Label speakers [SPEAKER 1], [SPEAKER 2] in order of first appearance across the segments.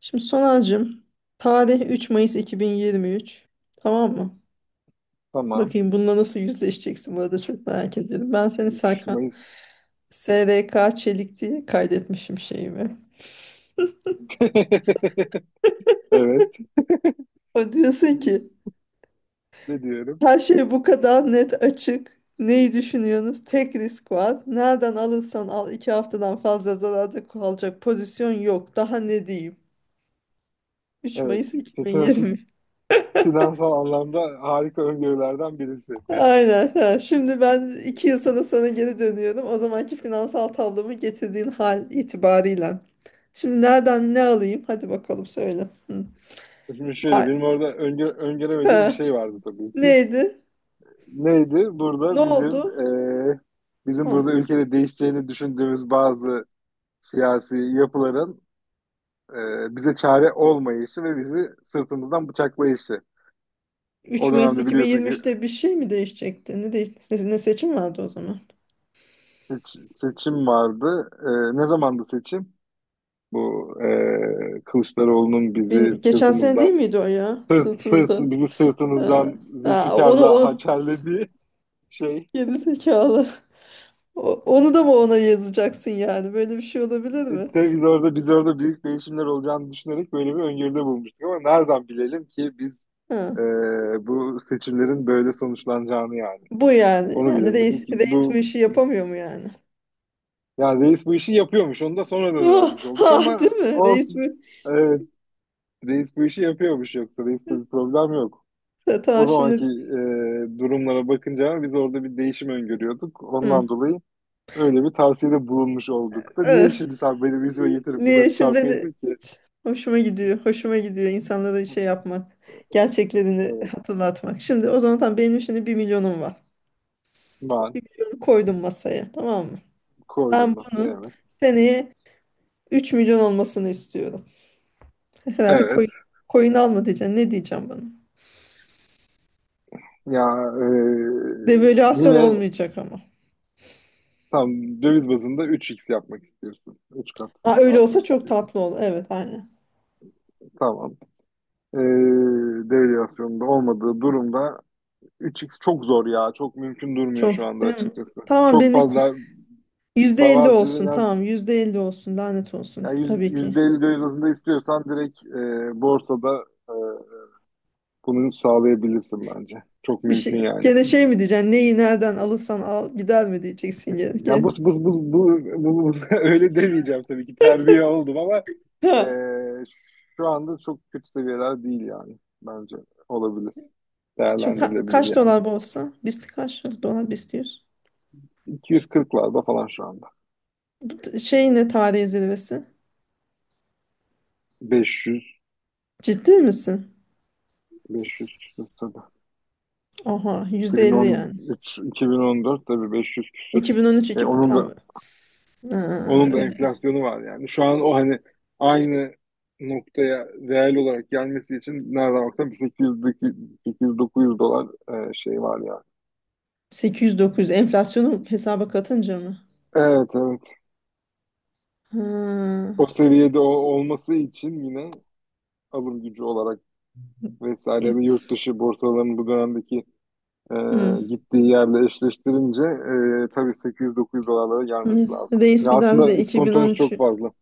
[SPEAKER 1] Şimdi Sonal'cığım tarih 3 Mayıs 2023, tamam mı?
[SPEAKER 2] Tamam.
[SPEAKER 1] Bakayım bununla nasıl yüzleşeceksin, bu arada çok merak ediyorum. Ben seni
[SPEAKER 2] 3
[SPEAKER 1] Serkan
[SPEAKER 2] Mayıs.
[SPEAKER 1] SRK Çelik diye kaydetmişim şeyimi.
[SPEAKER 2] Evet.
[SPEAKER 1] O diyorsun ki
[SPEAKER 2] Ne diyorum?
[SPEAKER 1] her şey bu kadar net, açık. Neyi düşünüyorsunuz? Tek risk var. Nereden alırsan al, 2 haftadan fazla zararda kalacak pozisyon yok. Daha ne diyeyim? 3
[SPEAKER 2] Evet.
[SPEAKER 1] Mayıs iki bin
[SPEAKER 2] Fin-
[SPEAKER 1] yirmi.
[SPEAKER 2] Finansal anlamda harika öngörülerden birisi benim.
[SPEAKER 1] Aynen. Ha. Şimdi ben 2 yıl sonra sana geri dönüyorum. O zamanki finansal tablomu getirdiğin hal itibarıyla. Şimdi nereden ne alayım? Hadi bakalım, söyle. Hı.
[SPEAKER 2] Şimdi şöyle
[SPEAKER 1] Ay,
[SPEAKER 2] benim orada öngöremediğim bir
[SPEAKER 1] he.
[SPEAKER 2] şey vardı tabii ki.
[SPEAKER 1] Neydi?
[SPEAKER 2] Neydi?
[SPEAKER 1] Ne
[SPEAKER 2] Burada bizim
[SPEAKER 1] oldu?
[SPEAKER 2] eee, bizim
[SPEAKER 1] Ha.
[SPEAKER 2] burada ülkede değişeceğini düşündüğümüz bazı siyasi yapıların bize çare olmayışı ve bizi sırtımızdan bıçaklayışı.
[SPEAKER 1] 3
[SPEAKER 2] O
[SPEAKER 1] Mayıs
[SPEAKER 2] dönemde biliyorsun ki
[SPEAKER 1] 2023'te bir şey mi değişecekti? Ne, ne seçim vardı o zaman?
[SPEAKER 2] seçim vardı. Ne zamandı seçim? Bu Kılıçdaroğlu'nun bizi
[SPEAKER 1] Geçen sene değil
[SPEAKER 2] sırtımızdan
[SPEAKER 1] miydi o ya? Sırtımızda.
[SPEAKER 2] bizi
[SPEAKER 1] Ha.
[SPEAKER 2] sırtımızdan
[SPEAKER 1] Ha, onu
[SPEAKER 2] Zülfikar'la
[SPEAKER 1] o
[SPEAKER 2] hançerlediği şey.
[SPEAKER 1] geri zekalı. Onu da mı ona yazacaksın yani? Böyle bir şey olabilir mi?
[SPEAKER 2] E, Biz orada biz orada büyük değişimler olacağını düşünerek böyle bir öngörüde bulmuştuk ama nereden bilelim ki biz e,
[SPEAKER 1] Ha.
[SPEAKER 2] bu seçimlerin böyle sonuçlanacağını yani.
[SPEAKER 1] Bu yani.
[SPEAKER 2] Onu
[SPEAKER 1] Yani
[SPEAKER 2] bilemedim
[SPEAKER 1] reis,
[SPEAKER 2] ki
[SPEAKER 1] reis bu
[SPEAKER 2] bu,
[SPEAKER 1] işi yapamıyor mu yani?
[SPEAKER 2] yani reis bu işi yapıyormuş. Onu da sonradan
[SPEAKER 1] Ah,
[SPEAKER 2] öğrenmiş olduk
[SPEAKER 1] ah, değil
[SPEAKER 2] ama
[SPEAKER 1] mi? Reis bu.
[SPEAKER 2] olsun. Evet, reis bu işi yapıyormuş, yoksa reiste bir problem yok.
[SPEAKER 1] Ta-
[SPEAKER 2] O
[SPEAKER 1] Tamam
[SPEAKER 2] zamanki
[SPEAKER 1] şimdi.
[SPEAKER 2] durumlara bakınca biz orada bir değişim öngörüyorduk.
[SPEAKER 1] Hı.
[SPEAKER 2] Ondan dolayı öyle bir tavsiyede bulunmuş olduk da. Niye
[SPEAKER 1] Eh,
[SPEAKER 2] şimdi sen benim yüzüme getirip
[SPEAKER 1] Niye
[SPEAKER 2] bunları
[SPEAKER 1] şimdi beni
[SPEAKER 2] çarpıyorsun ki?
[SPEAKER 1] hoşuma gidiyor. Hoşuma gidiyor insanlara şey yapmak. Gerçeklerini
[SPEAKER 2] Evet,
[SPEAKER 1] hatırlatmak. Şimdi o zaman tamam, benim şimdi 1 milyonum var.
[SPEAKER 2] ben
[SPEAKER 1] 1 milyonu koydum masaya, tamam mı?
[SPEAKER 2] koydum,
[SPEAKER 1] Ben
[SPEAKER 2] nasıl,
[SPEAKER 1] bunun
[SPEAKER 2] evet.
[SPEAKER 1] seneye 3 milyon olmasını istiyorum. Herhalde
[SPEAKER 2] Evet.
[SPEAKER 1] coin alma diyeceksin. Ne diyeceğim bana?
[SPEAKER 2] Ya e,
[SPEAKER 1] Devalüasyon
[SPEAKER 2] yine
[SPEAKER 1] olmayacak ama.
[SPEAKER 2] tam döviz bazında üç x yapmak istiyorsun. 3 kat
[SPEAKER 1] Ha, öyle olsa
[SPEAKER 2] artmak
[SPEAKER 1] çok
[SPEAKER 2] istiyorsun.
[SPEAKER 1] tatlı olur. Evet, aynen.
[SPEAKER 2] Tamam. E, Devalüasyonda olmadığı durumda üç x çok zor ya. Çok mümkün durmuyor
[SPEAKER 1] Çok
[SPEAKER 2] şu anda
[SPEAKER 1] değil mi?
[SPEAKER 2] açıkçası.
[SPEAKER 1] Tamam,
[SPEAKER 2] Çok fazla
[SPEAKER 1] %50
[SPEAKER 2] bazı
[SPEAKER 1] olsun,
[SPEAKER 2] şeyler.
[SPEAKER 1] tamam, %50 olsun, lanet olsun
[SPEAKER 2] Yani
[SPEAKER 1] tabii ki.
[SPEAKER 2] %50 dövizinde istiyorsan direkt borsada e, bunu sağlayabilirsin bence. Çok
[SPEAKER 1] Bir
[SPEAKER 2] mümkün
[SPEAKER 1] şey
[SPEAKER 2] yani.
[SPEAKER 1] gene şey mi diyeceksin, neyi nereden alırsan al gider mi diyeceksin gene.
[SPEAKER 2] Ya bu,
[SPEAKER 1] Gene.
[SPEAKER 2] bu, bu, bu, bu- bu- öyle demeyeceğim tabii ki, terbiye oldum, ama
[SPEAKER 1] Ha.
[SPEAKER 2] e, şu anda çok kötü seviyeler değil yani, bence olabilir.
[SPEAKER 1] Şimdi ka-
[SPEAKER 2] Değerlendirilebilir
[SPEAKER 1] kaç
[SPEAKER 2] yani.
[SPEAKER 1] dolar bu olsa? Biz kaç dolar biz diyoruz.
[SPEAKER 2] 240'larda falan şu anda.
[SPEAKER 1] Şey, ne, tarihi zirvesi?
[SPEAKER 2] 500,
[SPEAKER 1] Ciddi misin?
[SPEAKER 2] 500 küsür tabii.
[SPEAKER 1] Aha, %50 yani.
[SPEAKER 2] 2013, 2014 tabii 500 küsür.
[SPEAKER 1] 2013,
[SPEAKER 2] E,
[SPEAKER 1] 2000,
[SPEAKER 2] onun da
[SPEAKER 1] tamam. Ha,
[SPEAKER 2] Onun da
[SPEAKER 1] öyle.
[SPEAKER 2] enflasyonu var yani. Şu an o, hani, aynı noktaya reel olarak gelmesi için nereden baksan bir 800-900 dolar şey var yani.
[SPEAKER 1] 800-900 enflasyonu hesaba katınca mı?
[SPEAKER 2] Evet, evet.
[SPEAKER 1] Ha.
[SPEAKER 2] O seviyede olması için yine alım gücü olarak vesaire, ya
[SPEAKER 1] İyi.
[SPEAKER 2] da yurt dışı borsalarının bu dönemdeki e,
[SPEAKER 1] Hmm.
[SPEAKER 2] gittiği yerle eşleştirince tabii 800-900 dolarlara gelmesi lazım.
[SPEAKER 1] Reis
[SPEAKER 2] Ya
[SPEAKER 1] bir daha bize
[SPEAKER 2] aslında iskontomuz çok
[SPEAKER 1] 2013'ü
[SPEAKER 2] fazla.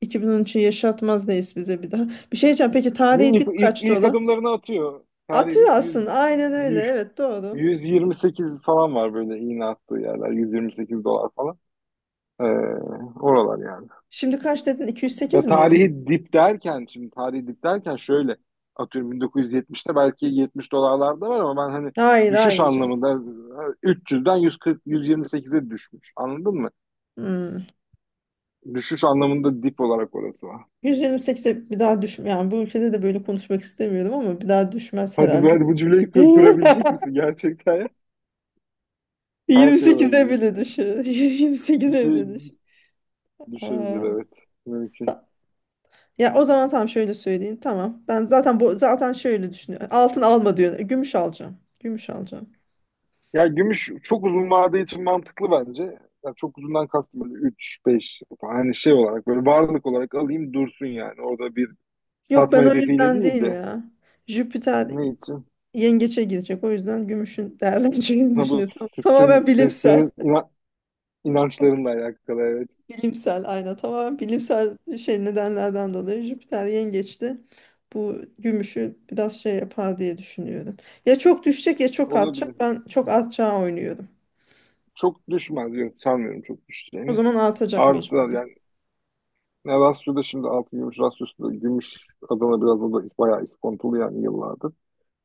[SPEAKER 1] 2013'ü yaşatmaz, neyiz bize bir daha. Bir şey diyeceğim. Peki, tarihi dip kaç
[SPEAKER 2] İlk
[SPEAKER 1] dolar?
[SPEAKER 2] adımlarını atıyor. Tarih
[SPEAKER 1] Atıyor
[SPEAKER 2] edip 100,
[SPEAKER 1] aslında. Aynen öyle. Evet, doğru.
[SPEAKER 2] 128 falan var, böyle iğne attığı yerler. 128 dolar falan. Ee, Oralar yani.
[SPEAKER 1] Şimdi kaç dedin? 208
[SPEAKER 2] Ya
[SPEAKER 1] mi dedin?
[SPEAKER 2] tarihi dip derken, şimdi tarihi dip derken şöyle atıyorum 1970'te belki 70 dolarlarda var, ama ben hani
[SPEAKER 1] Hayır,
[SPEAKER 2] düşüş
[SPEAKER 1] hayır, canım.
[SPEAKER 2] anlamında 300'den 140 128'e düşmüş. Anladın mı?
[SPEAKER 1] Hmm.
[SPEAKER 2] Düşüş anlamında dip olarak orası var.
[SPEAKER 1] 128'e bir daha düşme. Yani bu ülkede de böyle konuşmak istemiyorum ama bir daha düşmez
[SPEAKER 2] Hadi,
[SPEAKER 1] herhalde.
[SPEAKER 2] hadi bu cümleyi kurabilecek misin gerçekten ya? Her şey
[SPEAKER 1] 28'e bile
[SPEAKER 2] olabilir.
[SPEAKER 1] düşer.
[SPEAKER 2] Bir
[SPEAKER 1] 28'e
[SPEAKER 2] şey
[SPEAKER 1] bile düşer.
[SPEAKER 2] düşebilir,
[SPEAKER 1] Aa,
[SPEAKER 2] evet. Mümkün.
[SPEAKER 1] ta- ya o zaman tamam, şöyle söyleyeyim. Tamam. Ben zaten, bu zaten şöyle düşünüyorum. Altın alma diyor. Gümüş alacağım. Gümüş alacağım.
[SPEAKER 2] Ya gümüş çok uzun vade için mantıklı bence. Ya çok uzundan kastım böyle 3 beş, hani, şey olarak, böyle varlık olarak alayım dursun yani. Orada bir
[SPEAKER 1] Yok,
[SPEAKER 2] satma
[SPEAKER 1] ben o
[SPEAKER 2] hedefiyle
[SPEAKER 1] yüzden
[SPEAKER 2] değil
[SPEAKER 1] değil
[SPEAKER 2] de
[SPEAKER 1] ya. Jüpiter
[SPEAKER 2] ne için?
[SPEAKER 1] yengeçe girecek. O yüzden gümüşün değerleneceğini
[SPEAKER 2] Ha, bu
[SPEAKER 1] düşünüyor. Tamamen
[SPEAKER 2] sizin
[SPEAKER 1] bilimsel.
[SPEAKER 2] inançlarınla alakalı, evet.
[SPEAKER 1] Bilimsel, aynen. Tamamen bilimsel şey nedenlerden dolayı Jüpiter yengeçti. Bu gümüşü biraz şey yapar diye düşünüyorum. Ya çok düşecek ya çok artacak.
[SPEAKER 2] Olabilir.
[SPEAKER 1] Ben çok artacağı oynuyorum.
[SPEAKER 2] Çok düşmez. Yok, sanmıyorum çok
[SPEAKER 1] O
[SPEAKER 2] düşeceğini.
[SPEAKER 1] zaman artacak
[SPEAKER 2] Artılar
[SPEAKER 1] mecburen.
[SPEAKER 2] yani. Ne, Rasyo'da şimdi altın gümüş, Rasyo'su da gümüş Adana, biraz o da bayağı iskontolu yani yıllardır.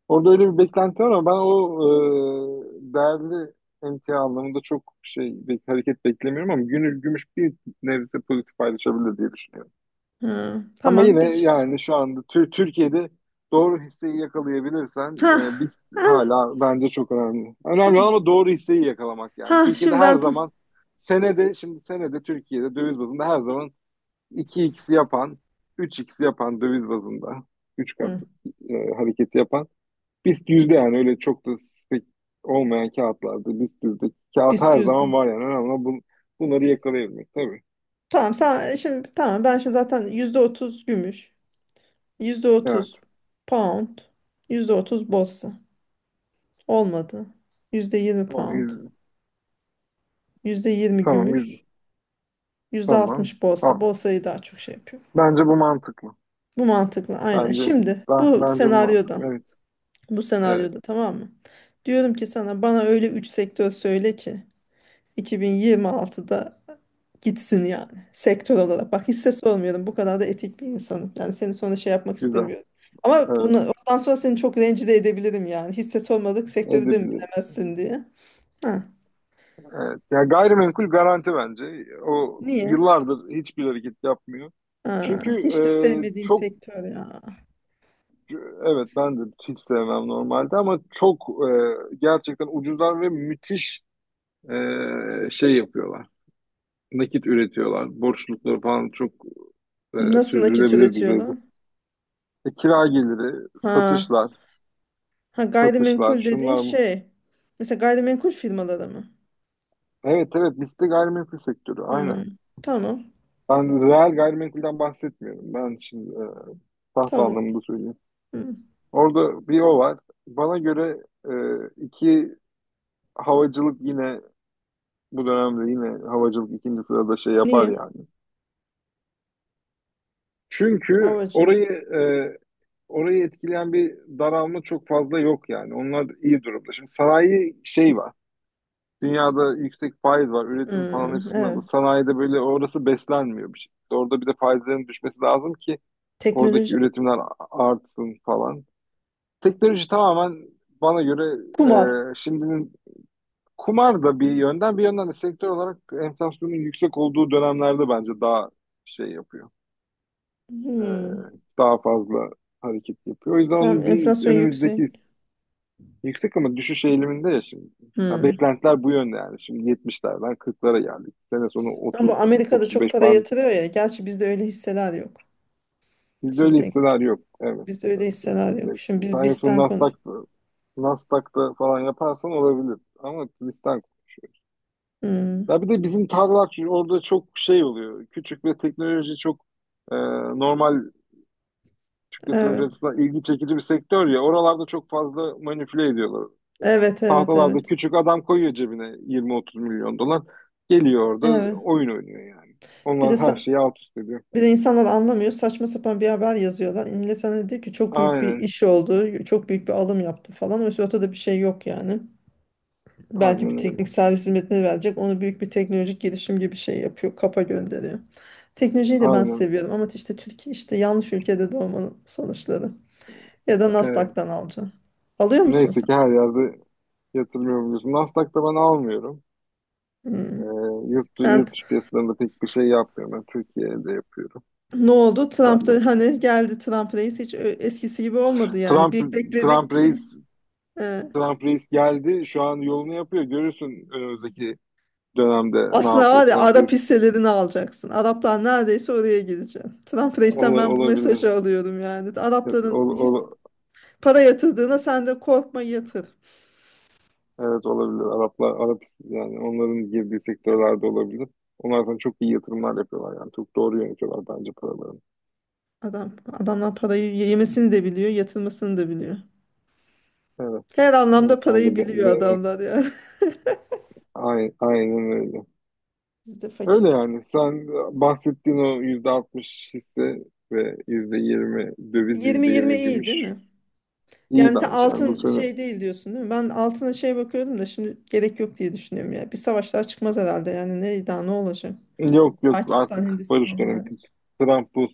[SPEAKER 2] Orada öyle bir beklenti var, ama ben o değerli emtia anlamında çok şey, bir hareket beklemiyorum, ama günü gümüş bir nebze pozitif paylaşabilir diye düşünüyorum.
[SPEAKER 1] Ha,
[SPEAKER 2] Ama
[SPEAKER 1] tamam
[SPEAKER 2] yine
[SPEAKER 1] biz.
[SPEAKER 2] yani şu anda Türkiye'de doğru hisseyi yakalayabilirsen,
[SPEAKER 1] Ha,
[SPEAKER 2] biz
[SPEAKER 1] ha,
[SPEAKER 2] hala bence çok önemli. Önemli olan
[SPEAKER 1] tamam.
[SPEAKER 2] ama doğru hisseyi yakalamak yani.
[SPEAKER 1] Ha,
[SPEAKER 2] Türkiye'de
[SPEAKER 1] şimdi
[SPEAKER 2] her
[SPEAKER 1] ben tam.
[SPEAKER 2] zaman senede, şimdi senede Türkiye'de döviz bazında her zaman iki x yapan, üç x yapan, döviz bazında 3 kat
[SPEAKER 1] Hı,
[SPEAKER 2] hareketi yapan BIST yüzde yani, öyle çok da spek olmayan kağıtlarda BIST yüzde kağıt
[SPEAKER 1] biz
[SPEAKER 2] her
[SPEAKER 1] yüzdük.
[SPEAKER 2] zaman var yani, önemli olan bunları yakalayabilmek tabii.
[SPEAKER 1] Tamam, sen şimdi, tamam ben şimdi zaten %30 gümüş, yüzde
[SPEAKER 2] Evet.
[SPEAKER 1] otuz pound, %30 borsa. Olmadı. %20
[SPEAKER 2] Tamam,
[SPEAKER 1] pound,
[SPEAKER 2] yüzde.
[SPEAKER 1] %20
[SPEAKER 2] Tamam, yüzde.
[SPEAKER 1] gümüş, yüzde
[SPEAKER 2] Tamam.
[SPEAKER 1] altmış borsa.
[SPEAKER 2] Tamam.
[SPEAKER 1] Borsayı daha çok şey yapıyor.
[SPEAKER 2] Bence bu mantıklı.
[SPEAKER 1] Bu mantıklı, aynen.
[SPEAKER 2] Bence
[SPEAKER 1] Şimdi
[SPEAKER 2] ben,
[SPEAKER 1] bu
[SPEAKER 2] bence bu mantıklı.
[SPEAKER 1] senaryoda,
[SPEAKER 2] Evet.
[SPEAKER 1] bu
[SPEAKER 2] Evet.
[SPEAKER 1] senaryoda tamam mı? Diyorum ki sana, bana öyle 3 sektör söyle ki 2026'da gitsin yani, sektör olarak. Bak, hisse sormuyorum, bu kadar da etik bir insanım. Yani seni sonra şey yapmak
[SPEAKER 2] Güzel.
[SPEAKER 1] istemiyorum. Ama
[SPEAKER 2] Evet.
[SPEAKER 1] bunu ondan sonra seni çok rencide edebilirim yani. Hisse sormadık, sektörü de mi
[SPEAKER 2] Edebiliriz.
[SPEAKER 1] bilemezsin diye. Ha,
[SPEAKER 2] Evet. Ya gayrimenkul garanti bence. O
[SPEAKER 1] niye?
[SPEAKER 2] yıllardır hiçbir hareket yapmıyor.
[SPEAKER 1] Ha,
[SPEAKER 2] Çünkü
[SPEAKER 1] hiç de sevmediğim
[SPEAKER 2] çok,
[SPEAKER 1] sektör ya.
[SPEAKER 2] evet, ben de hiç sevmem normalde, ama çok gerçekten ucuzlar ve müthiş şey yapıyorlar. Nakit üretiyorlar. Borçlulukları falan çok
[SPEAKER 1] Nasıl nakit
[SPEAKER 2] sürdürülebilir düzeyde.
[SPEAKER 1] üretiyorlar?
[SPEAKER 2] Kira geliri,
[SPEAKER 1] Ha,
[SPEAKER 2] satışlar,
[SPEAKER 1] ha, gayrimenkul dediğin
[SPEAKER 2] şunlar bu.
[SPEAKER 1] şey. Mesela gayrimenkul firmaları mı?
[SPEAKER 2] Evet, evet, liste gayrimenkul sektörü
[SPEAKER 1] Hmm,
[SPEAKER 2] aynen.
[SPEAKER 1] tamam.
[SPEAKER 2] Ben reel gayrimenkulden bahsetmiyorum. Ben şimdi tahta
[SPEAKER 1] Tamam.
[SPEAKER 2] anlamında söyleyeyim.
[SPEAKER 1] Hmm.
[SPEAKER 2] Orada bir o var. Bana göre e, iki, havacılık yine bu dönemde, yine havacılık ikinci sırada şey yapar
[SPEAKER 1] Niye?
[SPEAKER 2] yani. Çünkü
[SPEAKER 1] Havacılık.
[SPEAKER 2] orayı etkileyen bir daralma çok fazla yok yani. Onlar iyi durumda. Şimdi sanayi şey var. Dünyada yüksek faiz var. Üretim falan hep
[SPEAKER 1] Hmm, evet.
[SPEAKER 2] sınırlı. Sanayide böyle orası beslenmiyor bir şekilde. Orada bir de faizlerin düşmesi lazım ki oradaki
[SPEAKER 1] Teknoloji.
[SPEAKER 2] üretimler artsın falan. Teknoloji tamamen bana göre
[SPEAKER 1] Kumar.
[SPEAKER 2] şimdinin, kumar da bir yönden, de sektör olarak enflasyonun yüksek olduğu dönemlerde bence daha şey yapıyor. E,
[SPEAKER 1] Hmm.
[SPEAKER 2] Daha fazla hareket yapıyor. O yüzden
[SPEAKER 1] Tamam,
[SPEAKER 2] onun bir
[SPEAKER 1] enflasyon yüksek.
[SPEAKER 2] önümüzdeki... Yüksek ama düşüş eğiliminde ya şimdi. Ya
[SPEAKER 1] Hmm.
[SPEAKER 2] beklentiler bu yönde yani. Şimdi yetmişlerden kırklara geldik. Sene sonu
[SPEAKER 1] Ama
[SPEAKER 2] 30
[SPEAKER 1] Amerika'da
[SPEAKER 2] otuz
[SPEAKER 1] çok
[SPEAKER 2] beş
[SPEAKER 1] para
[SPEAKER 2] band.
[SPEAKER 1] yatırıyor ya. Gerçi bizde öyle hisseler yok.
[SPEAKER 2] Bizde
[SPEAKER 1] Şimdi
[SPEAKER 2] öyle
[SPEAKER 1] tek
[SPEAKER 2] hisseler yok. Evet,
[SPEAKER 1] bizde öyle
[SPEAKER 2] evet, evet.
[SPEAKER 1] hisseler
[SPEAKER 2] Bizde
[SPEAKER 1] yok.
[SPEAKER 2] yok.
[SPEAKER 1] Şimdi biz
[SPEAKER 2] Sen yoksa
[SPEAKER 1] bizden konuş.
[SPEAKER 2] Nasdaq'ta falan yaparsan olabilir. Ama bizden konuşuyoruz. Ya
[SPEAKER 1] Hmm.
[SPEAKER 2] bir de bizim tarlalar, çünkü orada çok şey oluyor. Küçük ve teknoloji çok e, normal Türk yatırımcı
[SPEAKER 1] Evet.
[SPEAKER 2] açısından ilgi çekici bir sektör ya. Oralarda çok fazla manipüle ediyorlar.
[SPEAKER 1] Evet, evet,
[SPEAKER 2] Tahtalarda
[SPEAKER 1] evet.
[SPEAKER 2] küçük adam koyuyor cebine 20-30 milyon dolar. Geliyor orada
[SPEAKER 1] Evet.
[SPEAKER 2] oyun oynuyor yani.
[SPEAKER 1] Bir de
[SPEAKER 2] Onlar her
[SPEAKER 1] sa-
[SPEAKER 2] şeyi alt üst ediyor.
[SPEAKER 1] Bir de insanlar anlamıyor. Saçma sapan bir haber yazıyorlar. İmle sana diyor ki çok büyük bir
[SPEAKER 2] Aynen.
[SPEAKER 1] iş oldu. Çok büyük bir alım yaptı falan. Oysa ortada bir şey yok yani. Belki bir
[SPEAKER 2] Aynen öyle.
[SPEAKER 1] teknik servis hizmetine verecek. Onu büyük bir teknolojik gelişim gibi bir şey yapıyor. Kapa gönderiyor. Teknolojiyi de ben
[SPEAKER 2] Aynen.
[SPEAKER 1] seviyorum ama işte Türkiye, işte yanlış ülkede doğmanın sonuçları. Ya da
[SPEAKER 2] Evet.
[SPEAKER 1] Nasdaq'tan alacağım. Alıyor musun
[SPEAKER 2] Neyse
[SPEAKER 1] sen?
[SPEAKER 2] ki her yerde yatırmıyor, biliyorsun. Nasdaq'ta ben almıyorum.
[SPEAKER 1] Hmm.
[SPEAKER 2] Ee,
[SPEAKER 1] Ha,
[SPEAKER 2] Yurt dışı piyasalarında pek bir şey yapmıyorum. Ben Türkiye'de yapıyorum
[SPEAKER 1] ne oldu? Trump da
[SPEAKER 2] sadece.
[SPEAKER 1] hani geldi, Trump reis hiç eskisi gibi olmadı yani.
[SPEAKER 2] Trump,
[SPEAKER 1] Bir
[SPEAKER 2] Trump
[SPEAKER 1] bekledik ki.
[SPEAKER 2] reis,
[SPEAKER 1] e,
[SPEAKER 2] Trump reis geldi. Şu an yolunu yapıyor. Görürsün önümüzdeki dönemde ne
[SPEAKER 1] Aslında
[SPEAKER 2] yapıyor.
[SPEAKER 1] var ya,
[SPEAKER 2] Trump
[SPEAKER 1] Arap
[SPEAKER 2] reis.
[SPEAKER 1] hisselerini alacaksın. Araplar neredeyse oraya gidecek. Trump reisten ben bu
[SPEAKER 2] Olabilir.
[SPEAKER 1] mesajı alıyorum yani. Arapların
[SPEAKER 2] Ol, ol,
[SPEAKER 1] para yatırdığına sen de korkma, yatır.
[SPEAKER 2] Evet, olabilir. Arap yani, onların girdiği sektörlerde olabilir. Onlar zaten çok iyi yatırımlar yapıyorlar yani. Çok doğru yönetiyorlar bence paralarını.
[SPEAKER 1] Adamlar parayı yemesini de biliyor, yatırmasını da biliyor.
[SPEAKER 2] Evet.
[SPEAKER 1] Her anlamda
[SPEAKER 2] Evet, ben
[SPEAKER 1] parayı
[SPEAKER 2] de,
[SPEAKER 1] biliyor adamlar yani.
[SPEAKER 2] aynen öyle.
[SPEAKER 1] Biz de
[SPEAKER 2] Öyle
[SPEAKER 1] fakir.
[SPEAKER 2] yani. Sen bahsettiğin o %60 hisse ve %20 döviz, yüzde
[SPEAKER 1] 20-20
[SPEAKER 2] yirmi
[SPEAKER 1] iyi değil
[SPEAKER 2] gümüş
[SPEAKER 1] mi?
[SPEAKER 2] iyi
[SPEAKER 1] Yani sen
[SPEAKER 2] bence. Yani bu
[SPEAKER 1] altın,
[SPEAKER 2] sene,
[SPEAKER 1] şey, değil diyorsun, değil mi? Ben altına şey bakıyordum da şimdi gerek yok diye düşünüyorum ya. Bir savaşlar çıkmaz herhalde yani, ne daha ne olacak?
[SPEAKER 2] yok yok,
[SPEAKER 1] Pakistan,
[SPEAKER 2] artık barış
[SPEAKER 1] Hindistan
[SPEAKER 2] dönemi.
[SPEAKER 1] hariç.
[SPEAKER 2] Trump bu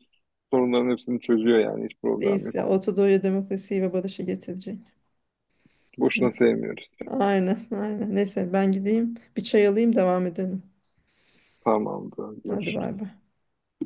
[SPEAKER 2] sorunların hepsini çözüyor yani, hiç problem
[SPEAKER 1] Reis ya
[SPEAKER 2] yok.
[SPEAKER 1] Orta Doğu'ya demokrasiyi ve barışı getirecek. Hı.
[SPEAKER 2] Boşuna sevmiyoruz.
[SPEAKER 1] Aynen, aynen. Neyse ben gideyim, bir çay alayım, devam edelim.
[SPEAKER 2] Tamamdır.
[SPEAKER 1] Hadi,
[SPEAKER 2] Görüşürüz.
[SPEAKER 1] bay bay.